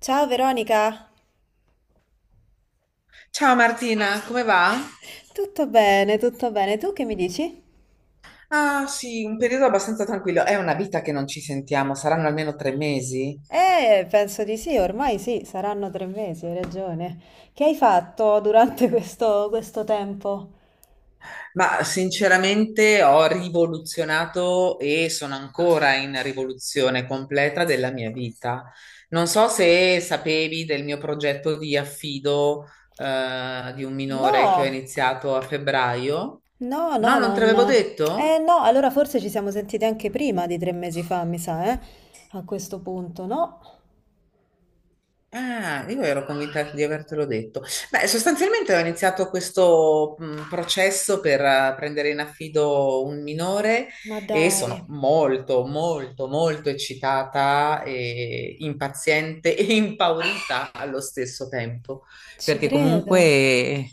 Ciao Veronica, Ciao Martina, come va? tutto bene, tutto bene. Tu che mi dici? Ah sì, un periodo abbastanza tranquillo. È una vita che non ci sentiamo, saranno almeno 3 mesi, Penso di sì, ormai sì, saranno 3 mesi, hai ragione. Che hai fatto durante questo tempo? ma sinceramente ho rivoluzionato e sono ancora in rivoluzione completa della mia vita. Non so se sapevi del mio progetto di affido, di un minore che ho No, iniziato a febbraio. no, No, no, non te l'avevo non... Eh detto? no, allora forse ci siamo sentite anche prima di 3 mesi fa, mi sa, eh? A questo punto, no? Ah, io ero convinta di avertelo detto. Beh, sostanzialmente ho iniziato questo processo per prendere in affido un minore Ma e dai, sono molto, molto, molto eccitata e impaziente e impaurita allo stesso tempo, ci perché credo. comunque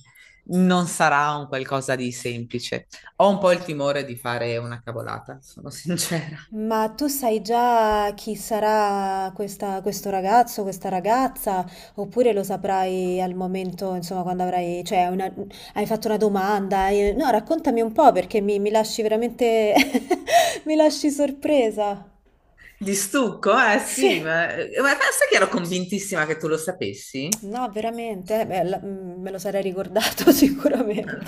non sarà un qualcosa di semplice. Ho un po' il timore di fare una cavolata, sono sincera. Ma tu sai già chi sarà questo ragazzo, questa ragazza, oppure lo saprai al momento, insomma, quando avrai, cioè, una- hai fatto una domanda? No, raccontami un po' perché mi lasci veramente, mi lasci sorpresa. Di stucco? Eh sì, Sì, ma sai che ero convintissima che tu lo sapessi? no, veramente, beh, me lo sarei ricordato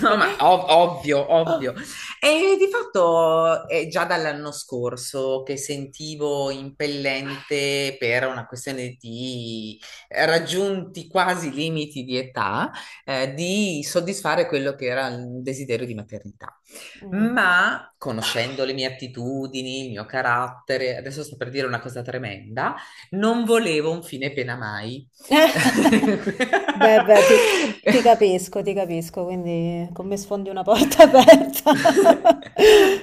No, ma ovvio, ovvio. E di fatto è già dall'anno scorso che sentivo impellente per una questione di raggiunti quasi limiti di età, di soddisfare quello che era il desiderio di maternità. Mm. Ma conoscendo le mie attitudini, il mio carattere, adesso sto per dire una cosa tremenda, non volevo un fine pena mai. Beh, ti capisco, quindi con me sfondi una porta aperta.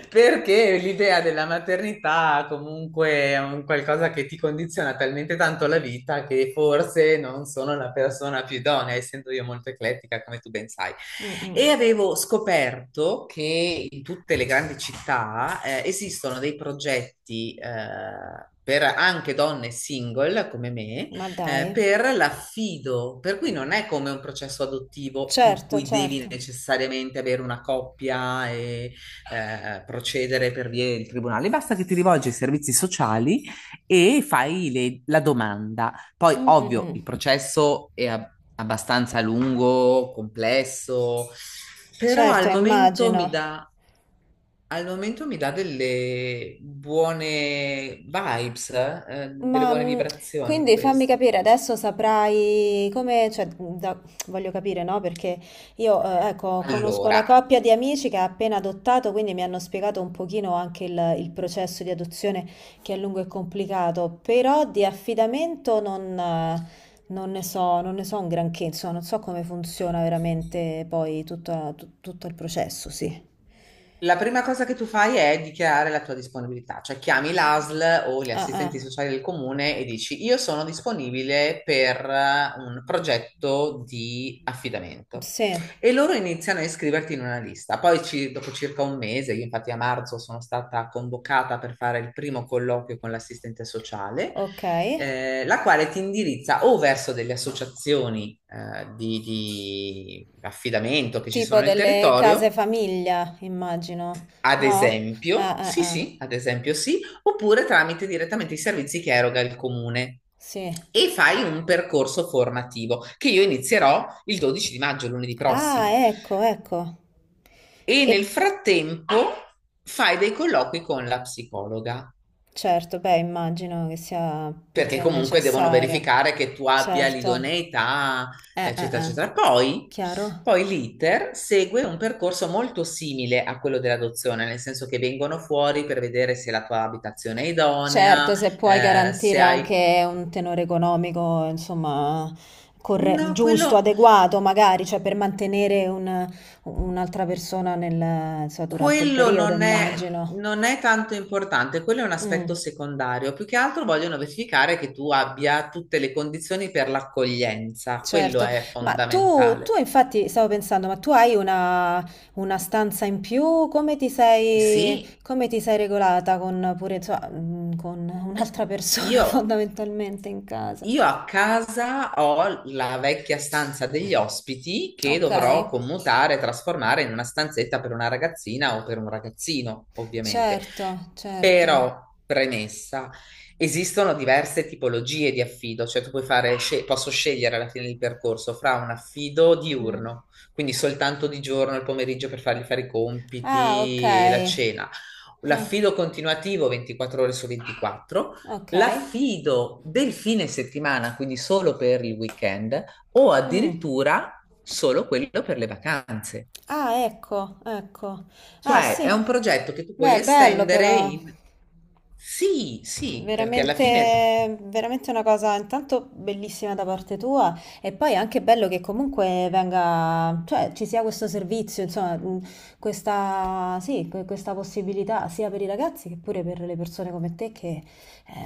Perché l'idea della maternità comunque è un qualcosa che ti condiziona talmente tanto la vita che forse non sono la persona più idonea, essendo io molto eclettica, come tu ben sai. Mh-mh. E avevo scoperto che in tutte le grandi città esistono dei progetti per anche donne single come me Ma dai. Per l'affido, per cui non è come un processo adottivo in Certo, cui certo. devi necessariamente avere una coppia e procedere per via del tribunale, basta che ti rivolgi ai servizi sociali e fai la domanda. Poi, Mh, mh, ovvio, mh. il processo è abbastanza lungo, complesso, però Certo, al momento mi immagino. dà. Al momento mi dà delle buone vibes, delle Ma buone vibrazioni quindi fammi questo. capire, adesso saprai come, cioè, da- voglio capire, no? Perché io, ecco, conosco una Allora, coppia di amici che ha appena adottato, quindi mi hanno spiegato un pochino anche il processo di adozione che è lungo e complicato, però di affidamento non, non ne so, non ne so un granché, insomma, non so come funziona veramente poi tutto il processo, sì. la prima cosa che tu fai è dichiarare la tua disponibilità, cioè chiami l'ASL o gli Ah, assistenti ah, sociali del comune e dici io sono disponibile per un progetto di affidamento. sì. E loro iniziano a iscriverti in una lista. Poi dopo circa un mese, io infatti a marzo sono stata convocata per fare il primo colloquio con l'assistente sociale, Okay. La quale ti indirizza o verso delle associazioni di affidamento che ci sono Tipo nel delle case territorio, famiglia, immagino, ad no? Ah, esempio, ah, sì, ah, sì, ad esempio sì, oppure tramite direttamente i servizi che eroga il comune. sì. E fai un percorso formativo che io inizierò il 12 di maggio, lunedì Ah, prossimo. ecco, ecco. E E nel frattempo fai dei colloqui con la psicologa, certo, beh, immagino che sia più perché che comunque devono necessario. verificare che tu abbia Certo. l'idoneità, eccetera, Eh. eccetera. Poi, Chiaro? L'iter segue un percorso molto simile a quello dell'adozione, nel senso che vengono fuori per vedere se la tua abitazione è idonea, Certo, se puoi se garantire hai. anche un tenore economico, insomma, corre- No, quello, giusto, adeguato, magari, cioè per mantenere un- un'altra persona nel, insomma, durante il quello periodo, non è, immagino. non è tanto importante, quello è un aspetto Mm, secondario. Più che altro vogliono verificare che tu abbia tutte le condizioni per l'accoglienza, quello certo, è ma tu fondamentale. infatti stavo pensando, ma tu hai una stanza in più? Sì, Come ti sei regolata con, pure, insomma, con un'altra persona io fondamentalmente in casa? Io a casa ho la vecchia stanza degli ospiti che Ok, dovrò commutare, trasformare in una stanzetta per una ragazzina o per un ragazzino, ovviamente. certo, certo. Però, premessa, esistono diverse tipologie di affido, cioè tu puoi fare, posso scegliere alla fine del percorso fra un affido Mm. diurno, quindi soltanto di giorno, il pomeriggio per fargli fare i Ah, ok. compiti e la cena, Ah, l'affido continuativo 24 ore su 24, ok. l'affido del fine settimana, quindi solo per il weekend, o Mm. addirittura solo quello per le vacanze. Ah, ecco, ecco. Ah, Cioè, è un sì. progetto che tu puoi Beh, bello estendere però. in. Sì, sì, perché alla fine Veramente, veramente una cosa intanto bellissima da parte tua e poi anche bello che comunque venga, cioè ci sia questo servizio, insomma, questa, sì, que- questa possibilità sia per i ragazzi che pure per le persone come te che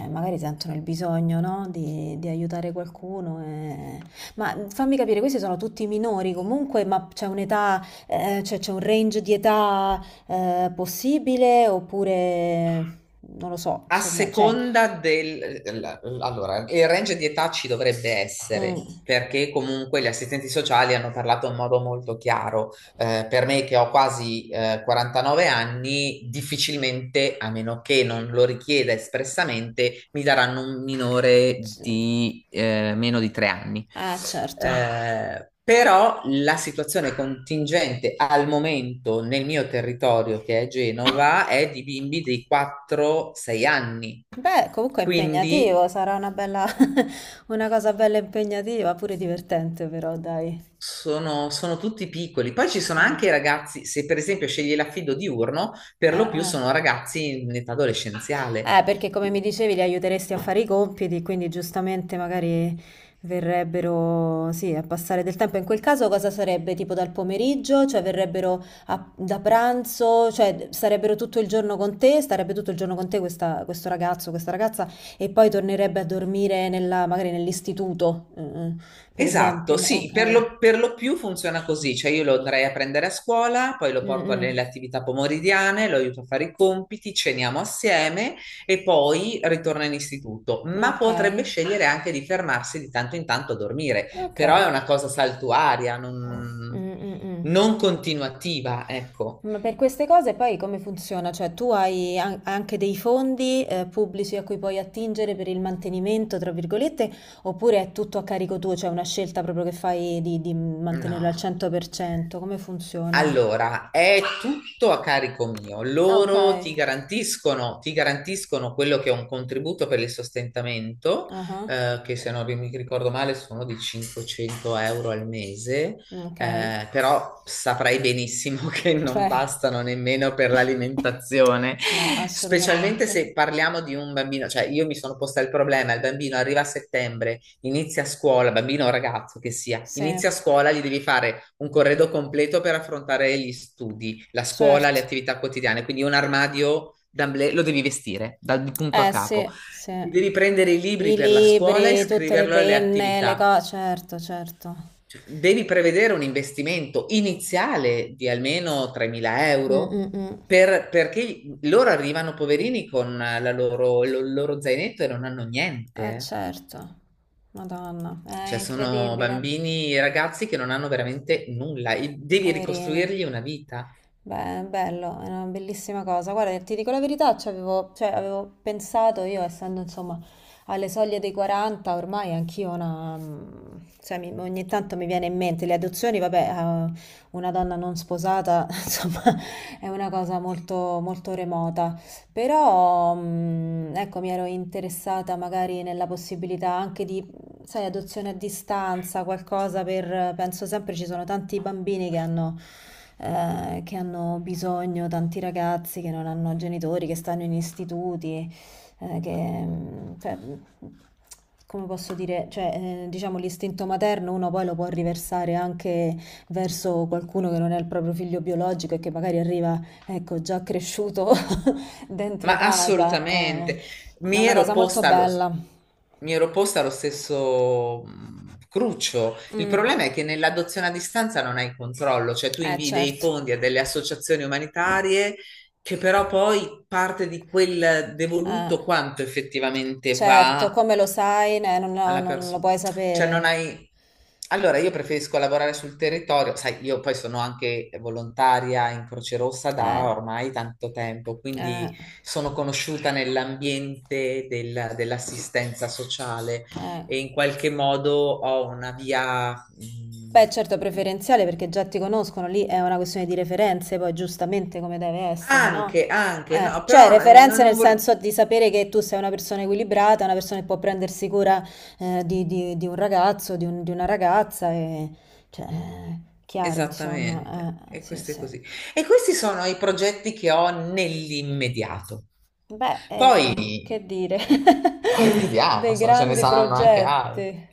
magari sentono il bisogno, no, di aiutare qualcuno, eh. Ma fammi capire, questi sono tutti minori comunque, ma c'è un'età, cioè c'è un range di età possibile oppure non lo so, a insomma, cioè, seconda del. Allora, il range di età ci dovrebbe essere, mm, perché comunque gli assistenti sociali hanno parlato in modo molto chiaro, per me che ho quasi 49 anni, difficilmente, a meno che non lo richieda espressamente, mi daranno un minore c- di meno di 3 anni. ah, certo. Però la situazione contingente al momento nel mio territorio, che è Genova, è di bimbi di 4-6 anni. Beh, comunque è impegnativo, Quindi sarà una bella, una cosa bella impegnativa, pure divertente però, dai. sono tutti piccoli. Poi ci sono Ah, anche i ragazzi, se per esempio scegli l'affido diurno, per lo ah, più ah. sono ragazzi in età adolescenziale. Perché come mi dicevi li aiuteresti a fare i compiti, quindi giustamente magari verrebbero, sì, a passare del tempo. In quel caso cosa sarebbe? Tipo dal pomeriggio? Cioè verrebbero a- da pranzo? Cioè sarebbero tutto il giorno con te? Starebbe tutto il giorno con te questo ragazzo, questa ragazza e poi tornerebbe a dormire nella- magari nell'istituto, mm, per Esatto, esempio. sì, per Ok. lo, per lo più funziona così, cioè io lo andrei a prendere a scuola, poi lo Mm, porto mm. nelle attività pomeridiane, lo aiuto a fare i compiti, ceniamo assieme e poi ritorna in istituto, ma Ok. potrebbe scegliere anche di fermarsi di tanto in tanto a dormire, Ok. però è una cosa saltuaria, non, Mm, mm, mm. non continuativa, ecco. Ma per queste cose poi come funziona? Cioè tu hai an- anche dei fondi pubblici a cui puoi attingere per il mantenimento, tra virgolette, oppure è tutto a carico tuo, cioè una scelta proprio che fai di mantenerlo al No. 100%? Come funziona? Allora, è tutto a carico mio. Ah, ok, Loro ti garantiscono quello che è un contributo per il sostentamento, ah, che se non mi ricordo male sono di 500 euro al mese, ok, però saprai benissimo che non cioè bastano nemmeno per l'alimentazione, no, specialmente assolutamente. se parliamo di un bambino, cioè io mi sono posta il problema, il bambino arriva a settembre. Inizia a scuola, bambino o ragazzo che sia, Sì, inizia a scuola, gli devi fare un corredo completo per affrontare gli studi, la scuola, certo. le attività quotidiane, quindi un armadio d'amblè lo devi vestire dal punto a Eh capo. sì, sì. Devi prendere i libri I per la scuola e libri, tutte le scriverlo alle penne, le attività. cose, certo, certo. Cioè, devi prevedere un investimento iniziale di almeno 3.000 Mm, euro mm, mm. Perché loro arrivano poverini con la il loro zainetto e non hanno niente. Eh Eh. certo. Madonna, è Cioè, sono incredibile. bambini e ragazzi che non hanno veramente nulla e devi Poverine. ricostruirgli una vita. Beh, è bello, è una bellissima cosa. Guarda, ti dico la verità, ci avevo, cioè, avevo pensato io, essendo insomma alle soglie dei 40, ormai anch'io una... cioè, mi- ogni tanto mi viene in mente le adozioni, vabbè, una donna non sposata, insomma, è una cosa molto remota. Però, ecco, mi ero interessata magari nella possibilità anche di sai, adozione a distanza, qualcosa per... Penso sempre ci sono tanti bambini che hanno bisogno, tanti ragazzi che non hanno genitori, che stanno in istituti, eh, che... cioè, come posso dire, diciamo l'istinto materno uno poi lo può riversare anche verso qualcuno che non è il proprio figlio biologico e che magari arriva, ecco, già cresciuto dentro Ma casa, eh. assolutamente, È mi una ero cosa molto posta lo, bella. mi ero posta lo stesso cruccio. Il Mm, problema è che nell'adozione a distanza non hai controllo, cioè tu invii dei certo. fondi a delle associazioni umanitarie che però poi parte di quel Eh, devoluto quanto effettivamente certo, va come lo sai, non, lo alla non lo persona. puoi Cioè non sapere. hai. Allora, io preferisco lavorare sul territorio, sai, io poi sono anche volontaria in Croce Rossa da Eh, ormai tanto tempo, eh, quindi sono conosciuta nell'ambiente dell'assistenza sociale eh. e in qualche modo ho una via, Beh, certo, preferenziale perché già ti conoscono, lì è una questione di referenze, poi giustamente come deve essere, no? anche, anche, no, Cioè, però non, referenze nel non senso di sapere che tu sei una persona equilibrata, una persona che può prendersi cura di, di un ragazzo, di, un- di una ragazza, e, cioè, chiaro, insomma, esattamente, e sì, questo è sì. così. E questi sono i progetti che ho nell'immediato. Beh, Poi, che dire, vediamo, dei insomma, ce ne grandi saranno anche altri. progetti.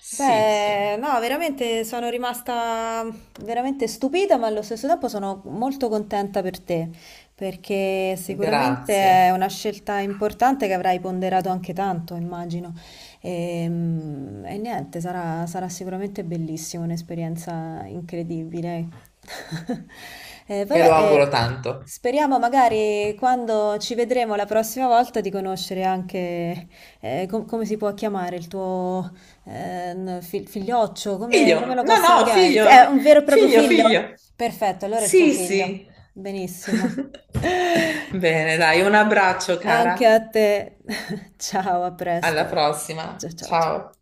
Sì, sì, Beh, no, veramente sono rimasta veramente stupita, ma allo stesso tempo sono molto contenta per te, perché sicuramente è grazie. una scelta importante che avrai ponderato anche tanto, immagino. Ehm, E, niente, sarà sicuramente bellissimo, un'esperienza incredibile. Me vabbè, lo auguro tanto. speriamo magari quando ci vedremo la prossima volta di conoscere anche com- come si può chiamare il tuo figlioccio, come, come Figlio, lo no, possiamo no, chiamare? F- figlio, È un vero e proprio figlio, figlio? figlio. Perfetto, allora è il tuo Sì, figlio. sì. Benissimo. Bene, dai, un abbraccio, Anche cara. a te. Ciao, a Alla presto. prossima. Ciao, ciao, ciao. Ciao.